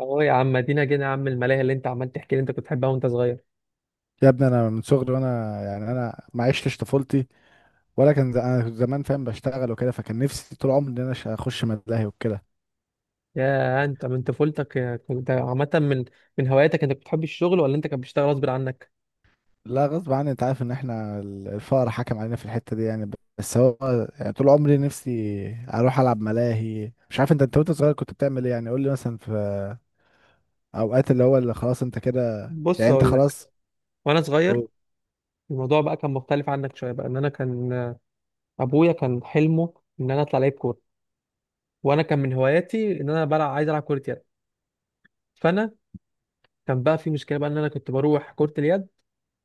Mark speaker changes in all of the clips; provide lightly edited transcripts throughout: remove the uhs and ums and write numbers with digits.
Speaker 1: اه يا عم، ادينا جينا يا عم الملاهي اللي انت عمال تحكي اللي انت كنت بتحبها وانت صغير.
Speaker 2: يا ابني انا من صغري وانا يعني انا ما عشتش طفولتي. انا كنت زمان فاهم، بشتغل وكده، فكان نفسي طول عمري ان اخش ملاهي وكده.
Speaker 1: يا انت من طفولتك، كنت عامه من هواياتك، انت كنت بتحب الشغل ولا انت كنت بتشتغل غصب عنك؟
Speaker 2: لا، غصب عني، انت عارف ان احنا الفقر حكم علينا في الحته دي يعني. بس هو يعني طول عمري نفسي اروح العب ملاهي. مش عارف انت وانت صغير كنت بتعمل ايه؟ يعني قول لي مثلا في اوقات اللي هو اللي خلاص انت كده،
Speaker 1: بص
Speaker 2: يعني انت
Speaker 1: اقول لك.
Speaker 2: خلاص.
Speaker 1: وانا صغير،
Speaker 2: هو-
Speaker 1: الموضوع بقى كان مختلف عنك شويه بقى، ان انا كان ابويا كان حلمه ان انا اطلع لعيب كوره، وانا كان من هواياتي ان انا بلعب، عايز العب كره يد. فانا كان بقى في مشكله بقى ان انا كنت بروح كره اليد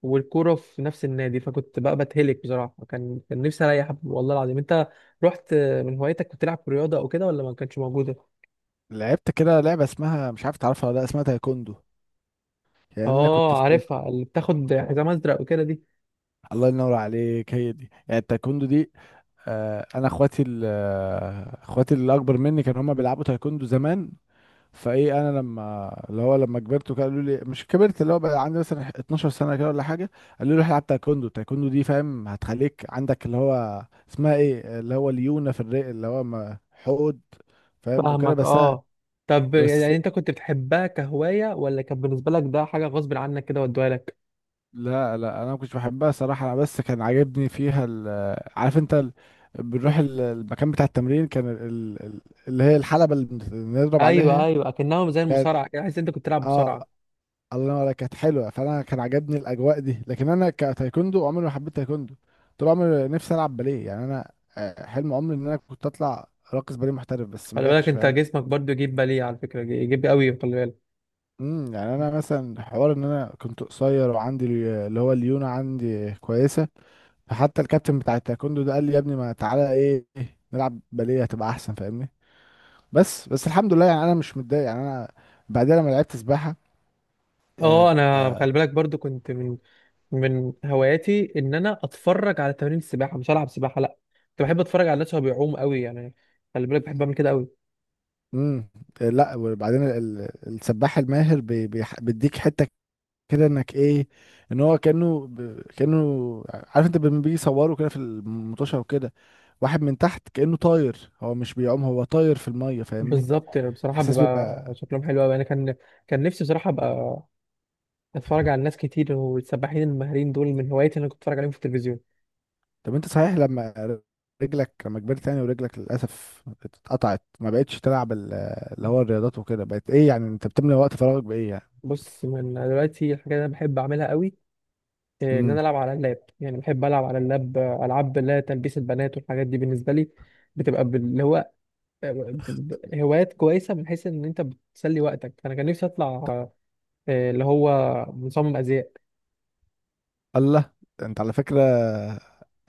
Speaker 1: والكوره في نفس النادي، فكنت بقى بتهلك بصراحه. كان نفسي اريح والله العظيم. انت رحت من هوايتك كنت تلعب رياضه او كده ولا ما كانتش موجوده؟
Speaker 2: لعبت كده لعبه، اسمها مش عارف تعرفها ولا لا، اسمها تايكوندو. يعني انا كنت
Speaker 1: اه،
Speaker 2: في تايكوندو.
Speaker 1: عارفها، اللي بتاخد حزام ازرق وكده دي.
Speaker 2: الله ينور عليك، هي دي يعني التايكوندو دي. انا اخواتي اخواتي اللي اكبر مني كانوا هما بيلعبوا تايكوندو زمان. فايه انا لما اللي هو لما كبرت وكده، قالوا لي، مش كبرت، اللي هو بقى عندي مثلا 12 سنه كده ولا حاجه. قالوا لي روح العب تايكوندو، التايكوندو دي فاهم هتخليك عندك اللي هو اسمها ايه، اللي هو ليونه في الرئه، اللي هو حقد فاهم وكده.
Speaker 1: فاهمك،
Speaker 2: بس انا
Speaker 1: اه. طب
Speaker 2: بس
Speaker 1: يعني انت كنت بتحبها كهوايه، ولا كان بالنسبه لك ده حاجه غصب عنك كده ودوها لك؟
Speaker 2: لا انا ما كنتش بحبها صراحه. انا بس كان عاجبني فيها عارف انت بنروح المكان بتاع التمرين، كان اللي هي الحلبه اللي بنضرب
Speaker 1: ايوه،
Speaker 2: عليها.
Speaker 1: ايوه، اكنها زي المصارعه كده، حاسس إن انت كنت تلعب
Speaker 2: اه،
Speaker 1: مصارعه.
Speaker 2: الله ينور عليك، كانت حلوه، فانا كان عجبني الاجواء دي. لكن انا كتايكوندو عمري ما حبيت تايكوندو. طول عمري نفسي العب باليه. يعني انا آه، حلم عمري ان انا كنت اطلع راقص باليه محترف، بس ما
Speaker 1: خلي
Speaker 2: جاتش
Speaker 1: بالك انت
Speaker 2: فاهم.
Speaker 1: جسمك برضو يجيب باليه، على فكره يجيب قوي، خلي بالك.
Speaker 2: يعني انا مثلا حوار ان انا كنت قصير وعندي اللي هو الليونه عندي كويسه. فحتى الكابتن بتاع التايكوندو ده قال لي، يا ابني ما تعالى ايه نلعب باليه هتبقى احسن فاهمني. بس الحمد لله، يعني انا مش متضايق. يعني انا بعدين لما لعبت سباحه. آه،
Speaker 1: اه، انا خلي بالك برضو كنت من هواياتي ان انا اتفرج على تمارين السباحه، مش العب سباحه لا، كنت بحب اتفرج على الناس وهو بيعوم قوي يعني. خلي بالك بحب اعمل كده قوي.
Speaker 2: امم لا، وبعدين السباح الماهر بيديك حته كده انك ايه، ان هو كانه، عارف انت لما بيجي يصوروا كده في المطوشه وكده، واحد من تحت كانه طاير، هو مش بيعوم، هو طاير في الميه فاهمني.
Speaker 1: بالظبط، يعني بصراحه
Speaker 2: احساس
Speaker 1: بيبقى
Speaker 2: بيبقى.
Speaker 1: شكلهم حلو قوي. انا كان نفسي بصراحه ابقى اتفرج على ناس كتير، والسباحين الماهرين دول من هواياتي اللي انا كنت اتفرج عليهم في التلفزيون.
Speaker 2: طب انت صحيح لما رجلك لما كبرت يعني ورجلك للاسف اتقطعت ما بقتش تلعب اللي هو الرياضات وكده، بقت ايه يعني انت بتملى وقت فراغك بايه؟
Speaker 1: بص، من دلوقتي الحاجه اللي انا بحب اعملها قوي، ان
Speaker 2: يعني
Speaker 1: انا العب على اللاب. يعني بحب العب على اللاب، العاب اللي هي تلبيس البنات، والحاجات دي بالنسبه لي بتبقى اللي هو هوايات كويسة من حيث إن أنت بتسلي وقتك. أنا كان نفسي أطلع اللي هو مصمم أزياء.
Speaker 2: الله، ده انت على فكرة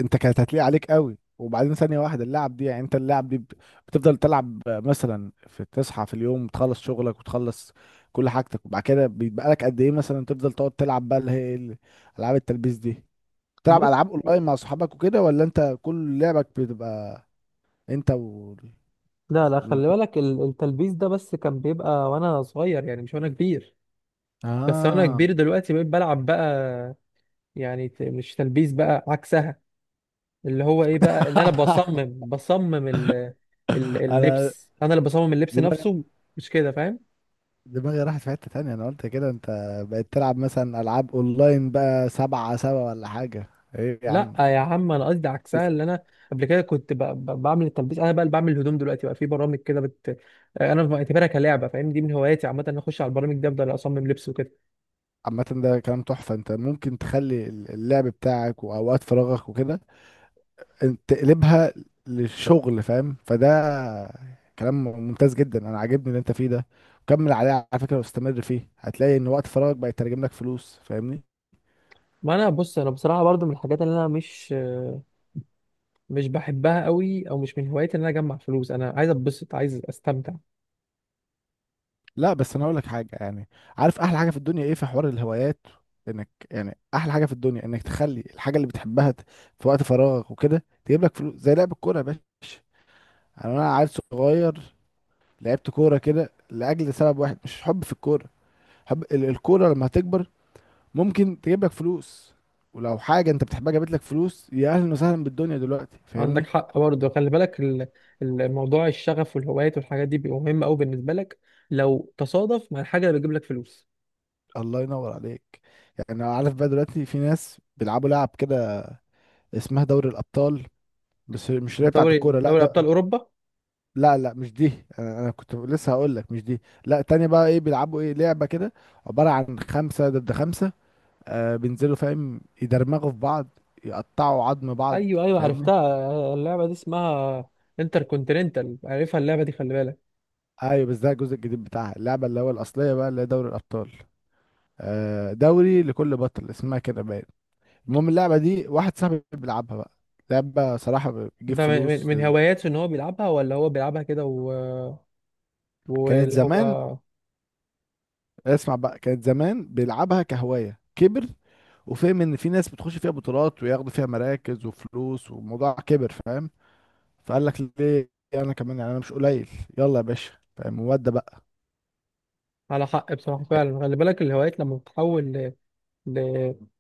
Speaker 2: انت كانت هتليق عليك قوي. وبعدين ثانية واحدة، اللعب دي، يعني انت اللعب دي ب- بتفضل تلعب مثلا في، تصحى في اليوم تخلص شغلك وتخلص كل حاجتك، وبعد كده بيبقى لك قد ايه مثلا تفضل تقعد تلعب بقى، اللي هي العاب التلبيس دي؟ تلعب
Speaker 1: بص،
Speaker 2: العاب اونلاين مع صحابك وكده، ولا انت كل لعبك بتبقى انت و،
Speaker 1: لا لا، خلي بالك التلبيس ده بس كان بيبقى وانا صغير، يعني مش وانا كبير. بس وانا
Speaker 2: اه.
Speaker 1: كبير دلوقتي بقيت بلعب بقى. يعني مش تلبيس بقى، عكسها. اللي هو ايه بقى، ان انا بصمم
Speaker 2: انا
Speaker 1: اللبس. انا اللي بصمم اللبس
Speaker 2: دماغي،
Speaker 1: نفسه، مش كده؟ فاهم.
Speaker 2: دماغي راحت في حتة تانية، انا قلت كده انت بقيت تلعب مثلا العاب اونلاين بقى سبعة سبعة ولا حاجة. ايه يا
Speaker 1: لا
Speaker 2: عم؟
Speaker 1: يا عم، انا قصدي عكسها.
Speaker 2: بس.
Speaker 1: اللي انا قبل كده كنت بعمل التلبيس، انا بقى اللي بعمل الهدوم دلوقتي. بقى في برامج كده انا بعتبرها كلعبه، فاهم؟ دي من هواياتي عامه. انا اخش على البرامج دي، افضل اصمم لبس وكده.
Speaker 2: عامة ده كلام تحفة، انت ممكن تخلي اللعب بتاعك واوقات فراغك وكده انت تقلبها للشغل فاهم. فده كلام ممتاز جدا، انا عاجبني اللي انت فيه ده. وكمل عليه على فكرة واستمر فيه، هتلاقي ان وقت فراغك بقى يترجم لك فلوس فاهمني.
Speaker 1: ما انا بص، انا بصراحه برضو من الحاجات اللي انا مش بحبها قوي، او مش من هواياتي، ان انا اجمع فلوس. انا عايز اتبسط، عايز استمتع.
Speaker 2: لا بس انا اقول لك حاجه، يعني عارف احلى حاجه في الدنيا ايه في حوار الهوايات؟ انك يعني احلى حاجه في الدنيا انك تخلي الحاجه اللي بتحبها في وقت فراغك وكده تجيب لك فلوس، زي لعب الكوره يا باشا. يعني انا عيل صغير لعبت كوره كده لاجل سبب واحد، مش حب في الكوره، حب الكوره لما هتكبر ممكن تجيب لك فلوس. ولو حاجه انت بتحبها جابت لك فلوس، يا اهلا وسهلا بالدنيا دلوقتي
Speaker 1: عندك
Speaker 2: فاهمني.
Speaker 1: حق برضه. خلي بالك الموضوع، الشغف والهوايات والحاجات دي بيبقى مهم قوي بالنسبه لك لو تصادف مع الحاجه اللي بتجيب لك فلوس.
Speaker 2: الله ينور عليك. يعني انا عارف بقى دلوقتي في ناس بيلعبوا لعب كده اسمها دوري الابطال، بس مش اللي هي بتاعت
Speaker 1: دوري
Speaker 2: الكوره، لا
Speaker 1: دوري ابطال
Speaker 2: ده.
Speaker 1: اوروبا.
Speaker 2: لا مش دي، انا كنت لسه هقول لك مش دي. لا، تاني بقى ايه بيلعبوا ايه، لعبه كده عباره عن خمسه ضد خمسه، آه بينزلوا فاهم يدرمغوا في بعض يقطعوا عظم بعض
Speaker 1: ايوه، ايوه،
Speaker 2: فاهمني.
Speaker 1: عرفتها اللعبه دي، اسمها انتر كونتيننتال، عارفها اللعبه دي، خلي بالك.
Speaker 2: ايوه، بس ده الجزء الجديد بتاعها، اللعبه اللي هو الاصليه بقى اللي هي دوري الابطال. آه، دوري لكل بطل اسمها كده باين. المهم اللعبه دي واحد صاحبي بيلعبها بقى، لعبه صراحه بتجيب
Speaker 1: ده من من-
Speaker 2: فلوس
Speaker 1: من
Speaker 2: لل...
Speaker 1: هواياته ان هو بيلعبها، ولا هو بيلعبها كده
Speaker 2: كانت
Speaker 1: واللي هو
Speaker 2: زمان. اسمع بقى، كانت زمان بيلعبها كهواية، كبر وفهم ان في ناس بتخش فيها بطولات وياخدوا فيها مراكز وفلوس، والموضوع كبر فاهم. فقال لك ليه انا كمان، يعني انا مش قليل، يلا يا باشا فاهم. وده بقى
Speaker 1: على حق؟ بصراحه فعلا، خلي بالك الهوايات لما بتتحول ل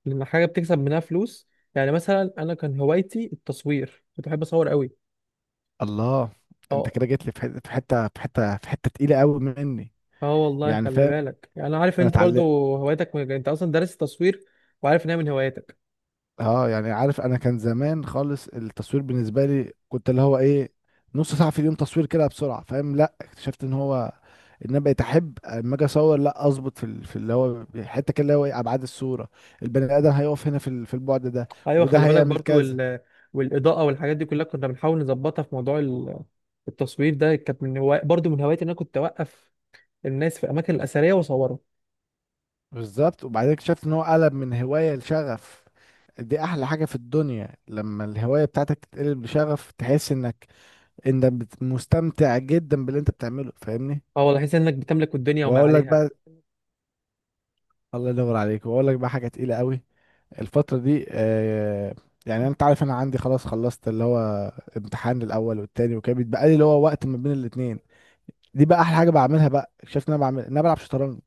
Speaker 1: لان حاجه بتكسب منها فلوس. يعني مثلا انا كان هوايتي التصوير، كنت بحب اصور قوي.
Speaker 2: الله.
Speaker 1: اه،
Speaker 2: انت كده جيت لي في حته في حته تقيله قوي مني.
Speaker 1: اه والله،
Speaker 2: يعني
Speaker 1: خلي
Speaker 2: فاهم،
Speaker 1: بالك، يعني انا عارف ان
Speaker 2: انا
Speaker 1: انت برضو
Speaker 2: اتعلمت.
Speaker 1: هوايتك انت اصلا دارس التصوير، وعارف ان هي من هواياتك.
Speaker 2: اه، يعني عارف، انا كان زمان خالص التصوير بالنسبه لي كنت اللي هو ايه، نص ساعه في اليوم تصوير كده بسرعه فاهم. لا، اكتشفت ان هو ان انا بقيت احب اما اجي اصور، لا اظبط في في اللي هو حته كده، اللي هو ايه، ابعاد الصوره، البني ادم هيقف هنا في في البعد ده،
Speaker 1: ايوه،
Speaker 2: وده
Speaker 1: خلي بالك
Speaker 2: هيعمل
Speaker 1: برضو
Speaker 2: كذا.
Speaker 1: والاضاءه والحاجات دي كلها كنا بنحاول نظبطها في موضوع التصوير ده. كانت برضو من هواياتي ان انا كنت اوقف الناس في الاماكن الاثريه واصورهم.
Speaker 2: بالظبط. وبعدين اكتشفت ان هو قلب من هوايه لشغف. دي احلى حاجه في الدنيا، لما الهوايه بتاعتك تتقلب لشغف، تحس انك انت مستمتع جدا باللي انت بتعمله فاهمني.
Speaker 1: اه والله، احس انك بتملك الدنيا وما
Speaker 2: واقول لك
Speaker 1: عليها.
Speaker 2: بقى الله ينور عليك، واقول لك بقى حاجه تقيله قوي. الفتره دي، يعني انت عارف انا عندي خلاص، خلصت اللي هو امتحان الاول والتاني وكده، بيتبقى لي اللي هو وقت ما بين الاتنين. دي بقى احلى حاجه بعملها، بقى شايف ان انا بعمل، إن انا بلعب شطرنج.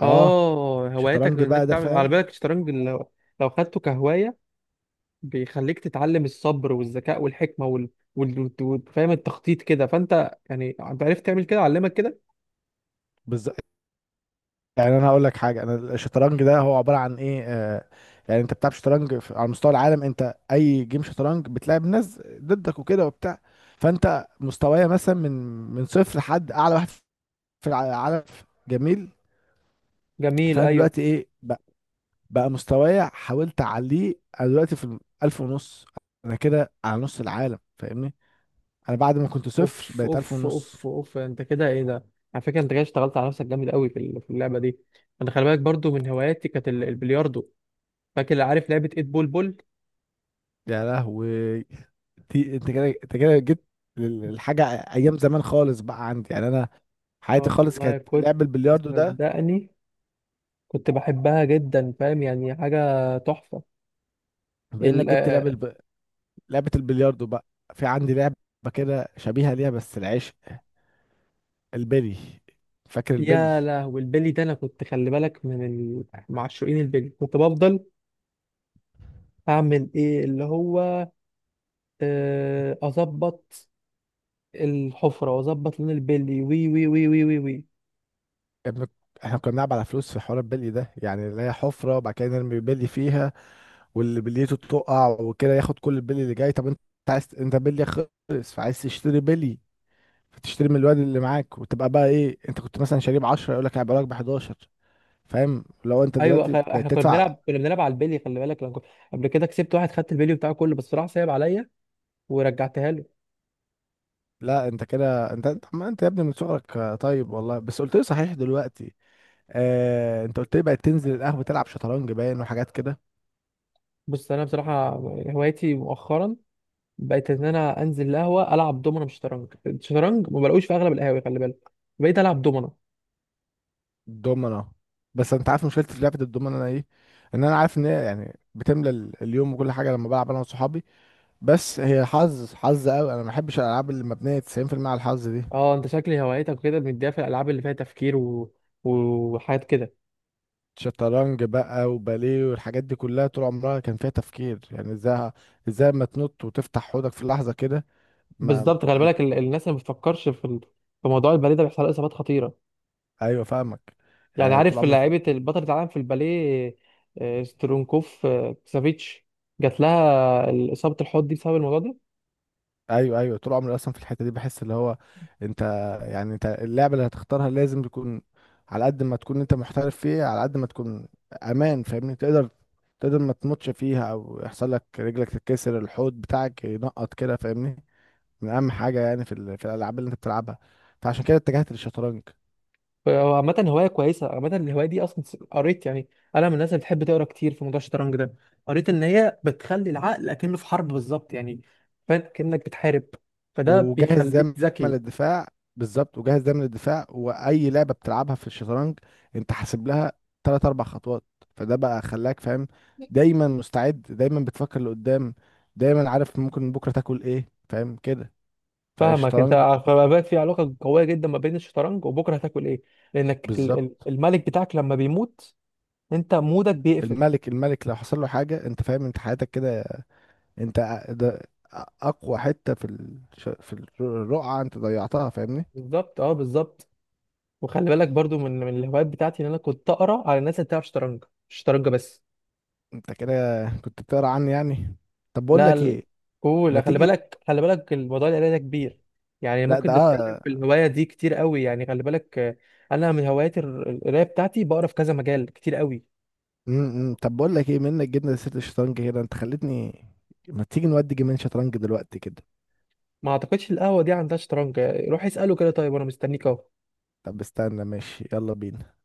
Speaker 2: اه.
Speaker 1: اه، هوايتك
Speaker 2: شطرنج
Speaker 1: انك
Speaker 2: بقى ده
Speaker 1: تعمل على
Speaker 2: فاهم.
Speaker 1: بالك الشطرنج، لو خدته كهوايه بيخليك تتعلم الصبر والذكاء والحكمه وال... وال... وال... وال- فاهم التخطيط كده. فانت يعني انت عرفت تعمل كده، علمك كده.
Speaker 2: بالظبط. يعني انا هقول لك حاجه، انا الشطرنج ده هو عباره عن ايه، يعني انت بتلعب شطرنج على مستوى العالم. انت اي جيم شطرنج بتلعب ناس ضدك وكده وبتاع، فانت مستوايا مثلا من، من صفر لحد اعلى واحد في العالم. جميل.
Speaker 1: جميل،
Speaker 2: فانا
Speaker 1: ايوه.
Speaker 2: دلوقتي ايه بقى، بقى مستواي حاولت اعليه. انا دلوقتي في الالف ونص، انا كده على نص العالم فاهمني. انا بعد ما كنت صفر
Speaker 1: اوف
Speaker 2: بقيت الف
Speaker 1: اوف
Speaker 2: ونص.
Speaker 1: اوف اوف، انت كده ايه ده؟ على فكره انت كده اشتغلت على نفسك جامد قوي في اللعبه دي. انا خلي بالك برضو من هواياتي كانت البلياردو. فاكر؟ عارف لعبه ايت بول بول.
Speaker 2: يا لهوي، دي- انت كده انت كده جيت للحاجه، ايام زمان خالص بقى عندي، يعني انا حياتي
Speaker 1: اه
Speaker 2: خالص
Speaker 1: والله،
Speaker 2: كانت
Speaker 1: كنت،
Speaker 2: لعب البلياردو ده.
Speaker 1: صدقني كنت بحبها جدا، فاهم، يعني حاجه تحفه.
Speaker 2: بانك
Speaker 1: ال
Speaker 2: جبت
Speaker 1: آه،
Speaker 2: لعب لعبه البلياردو بقى، في عندي لعبه كده شبيهه ليها، بس العيش، البلي، فاكر البلي؟
Speaker 1: يا لهوي البلي ده! انا كنت، خلي بالك، من معشوقين البلي. كنت بفضل اعمل ايه اللي هو اظبط الحفره، واظبط لون البلي، وي وي وي وي وي وي.
Speaker 2: ابنك، احنا كنا بنلعب على فلوس في حوار البلي ده، يعني اللي هي حفرة وبعد كده نرمي بلي فيها، واللي بليته تقع وكده ياخد كل البلي اللي جاي. طب انت عايز، انت بلي خلص فعايز تشتري بلي، فتشتري من الواد اللي معاك، وتبقى بقى ايه، انت كنت مثلا شاريه ب 10، يقول لك هيبقى لك ب 11 فاهم. لو انت
Speaker 1: ايوه،
Speaker 2: دلوقتي بقيت
Speaker 1: احنا كنا
Speaker 2: تدفع،
Speaker 1: بنلعب كنا بنلعب على البلي، خلي بالك، لما قبل كده كسبت واحد، خدت البلي بتاعه كله، بس راح سايب عليا، ورجعتها له.
Speaker 2: لا انت كده، انت انت ما انت يا ابني من صغرك. آه، طيب والله بس قلت لي صحيح دلوقتي، آه انت قلت لي بقيت تنزل القهوة تلعب شطرنج باين وحاجات كده.
Speaker 1: بص انا بصراحه، هوايتي مؤخرا بقيت ان انا انزل القهوه، العب دومنه، مش شطرنج. الشطرنج ما بلاقوش في اغلب القهاوي، خلي بالك. بقيت العب دومنه.
Speaker 2: دومنا، بس انت عارف مشكلتي في لعبه الدومنا انا ايه؟ ان انا عارف ان هي يعني بتملى اليوم وكل حاجه لما بلعب انا وصحابي، بس هي حظ، حظ قوي، انا ما بحبش الالعاب اللي مبنيه 90% على الحظ دي.
Speaker 1: اه، انت شكلي هوايتك كده مديها في الالعاب اللي فيها تفكير وحاجات كده.
Speaker 2: شطرنج بقى وباليه والحاجات دي كلها طول عمرها كان فيها تفكير، يعني ازاي، ازاي ما تنط وتفتح حوضك في لحظه كده؟ ما
Speaker 1: بالظبط، خلي
Speaker 2: م-
Speaker 1: بالك الناس اللي ما بتفكرش في في موضوع البلي ده بيحصل لها اصابات خطيره.
Speaker 2: ايوه فاهمك.
Speaker 1: يعني
Speaker 2: يعني طول
Speaker 1: عارف
Speaker 2: عمري،
Speaker 1: لعيبة البطلة العالم في الباليه، سترونكوف، كسافيتش، جات لها إصابة الحوض دي بسبب الموضوع ده.
Speaker 2: ايوه، ايوه طول عمري اصلا في الحته دي بحس اللي هو، انت، يعني انت اللعبه اللي هتختارها لازم تكون على قد ما تكون انت محترف فيها على قد ما تكون امان فاهمني، تقدر ما تموتش فيها او يحصل لك رجلك تتكسر، الحوض بتاعك ينقط كده فاهمني، من اهم حاجه يعني في في الالعاب اللي انت بتلعبها. فعشان كده اتجهت للشطرنج.
Speaker 1: هو عامة هواية كويسة. عامة الهواية دي أصلا قريت يعني، أنا من الناس اللي بتحب تقرا كتير في موضوع الشطرنج ده. قريت إن هي بتخلي العقل أكنه في حرب، بالظبط يعني، فاهم؟ كأنك بتحارب، فده
Speaker 2: وجاهز
Speaker 1: بيخليك
Speaker 2: دايما
Speaker 1: ذكي.
Speaker 2: للدفاع. بالظبط، وجاهز دايما للدفاع. واي لعبه بتلعبها في الشطرنج انت حاسب لها ثلاث اربع خطوات، فده بقى خلاك فاهم دايما مستعد، دايما بتفكر لقدام، دايما عارف ممكن بكره تاكل ايه فاهم كده.
Speaker 1: فاهمك أنت.
Speaker 2: فالشطرنج
Speaker 1: فبقى في علاقة قوية جدا ما بين الشطرنج وبكرة هتاكل إيه. لأنك
Speaker 2: بالظبط.
Speaker 1: الملك بتاعك لما بيموت، أنت مودك بيقفل.
Speaker 2: الملك لو حصل له حاجه انت فاهم انت حياتك كده، انت ده اقوى حته في الرقعه، انت ضيعتها فاهمني.
Speaker 1: بالظبط، اه بالظبط. وخلي بالك برضو من الهوايات بتاعتي ان انا كنت اقرا على الناس اللي بتلعب شطرنج، مش شطرنج بس.
Speaker 2: انت كده كنت بتقرا عني يعني؟ طب بقول
Speaker 1: لا،
Speaker 2: لك ايه، ما
Speaker 1: قول. خلي
Speaker 2: تيجي،
Speaker 1: بالك خلي بالك الموضوع، القرايه ده كبير. يعني
Speaker 2: لا
Speaker 1: ممكن
Speaker 2: ده
Speaker 1: نتكلم في
Speaker 2: آه،
Speaker 1: الهوايه دي كتير قوي يعني. خلي بالك، انا من هوايات القرايه بتاعتي بقرا في كذا مجال كتير قوي.
Speaker 2: طب بقول لك ايه، منك جبنا لسيره الشطرنج كده انت خلتني، ما تيجي نودي جيمين شطرنج دلوقتي كده؟
Speaker 1: ما اعتقدش القهوه دي عندها شطرنج. روح اساله كده، طيب، وانا مستنيك اهو.
Speaker 2: طب استنى، ماشي، يلا بينا.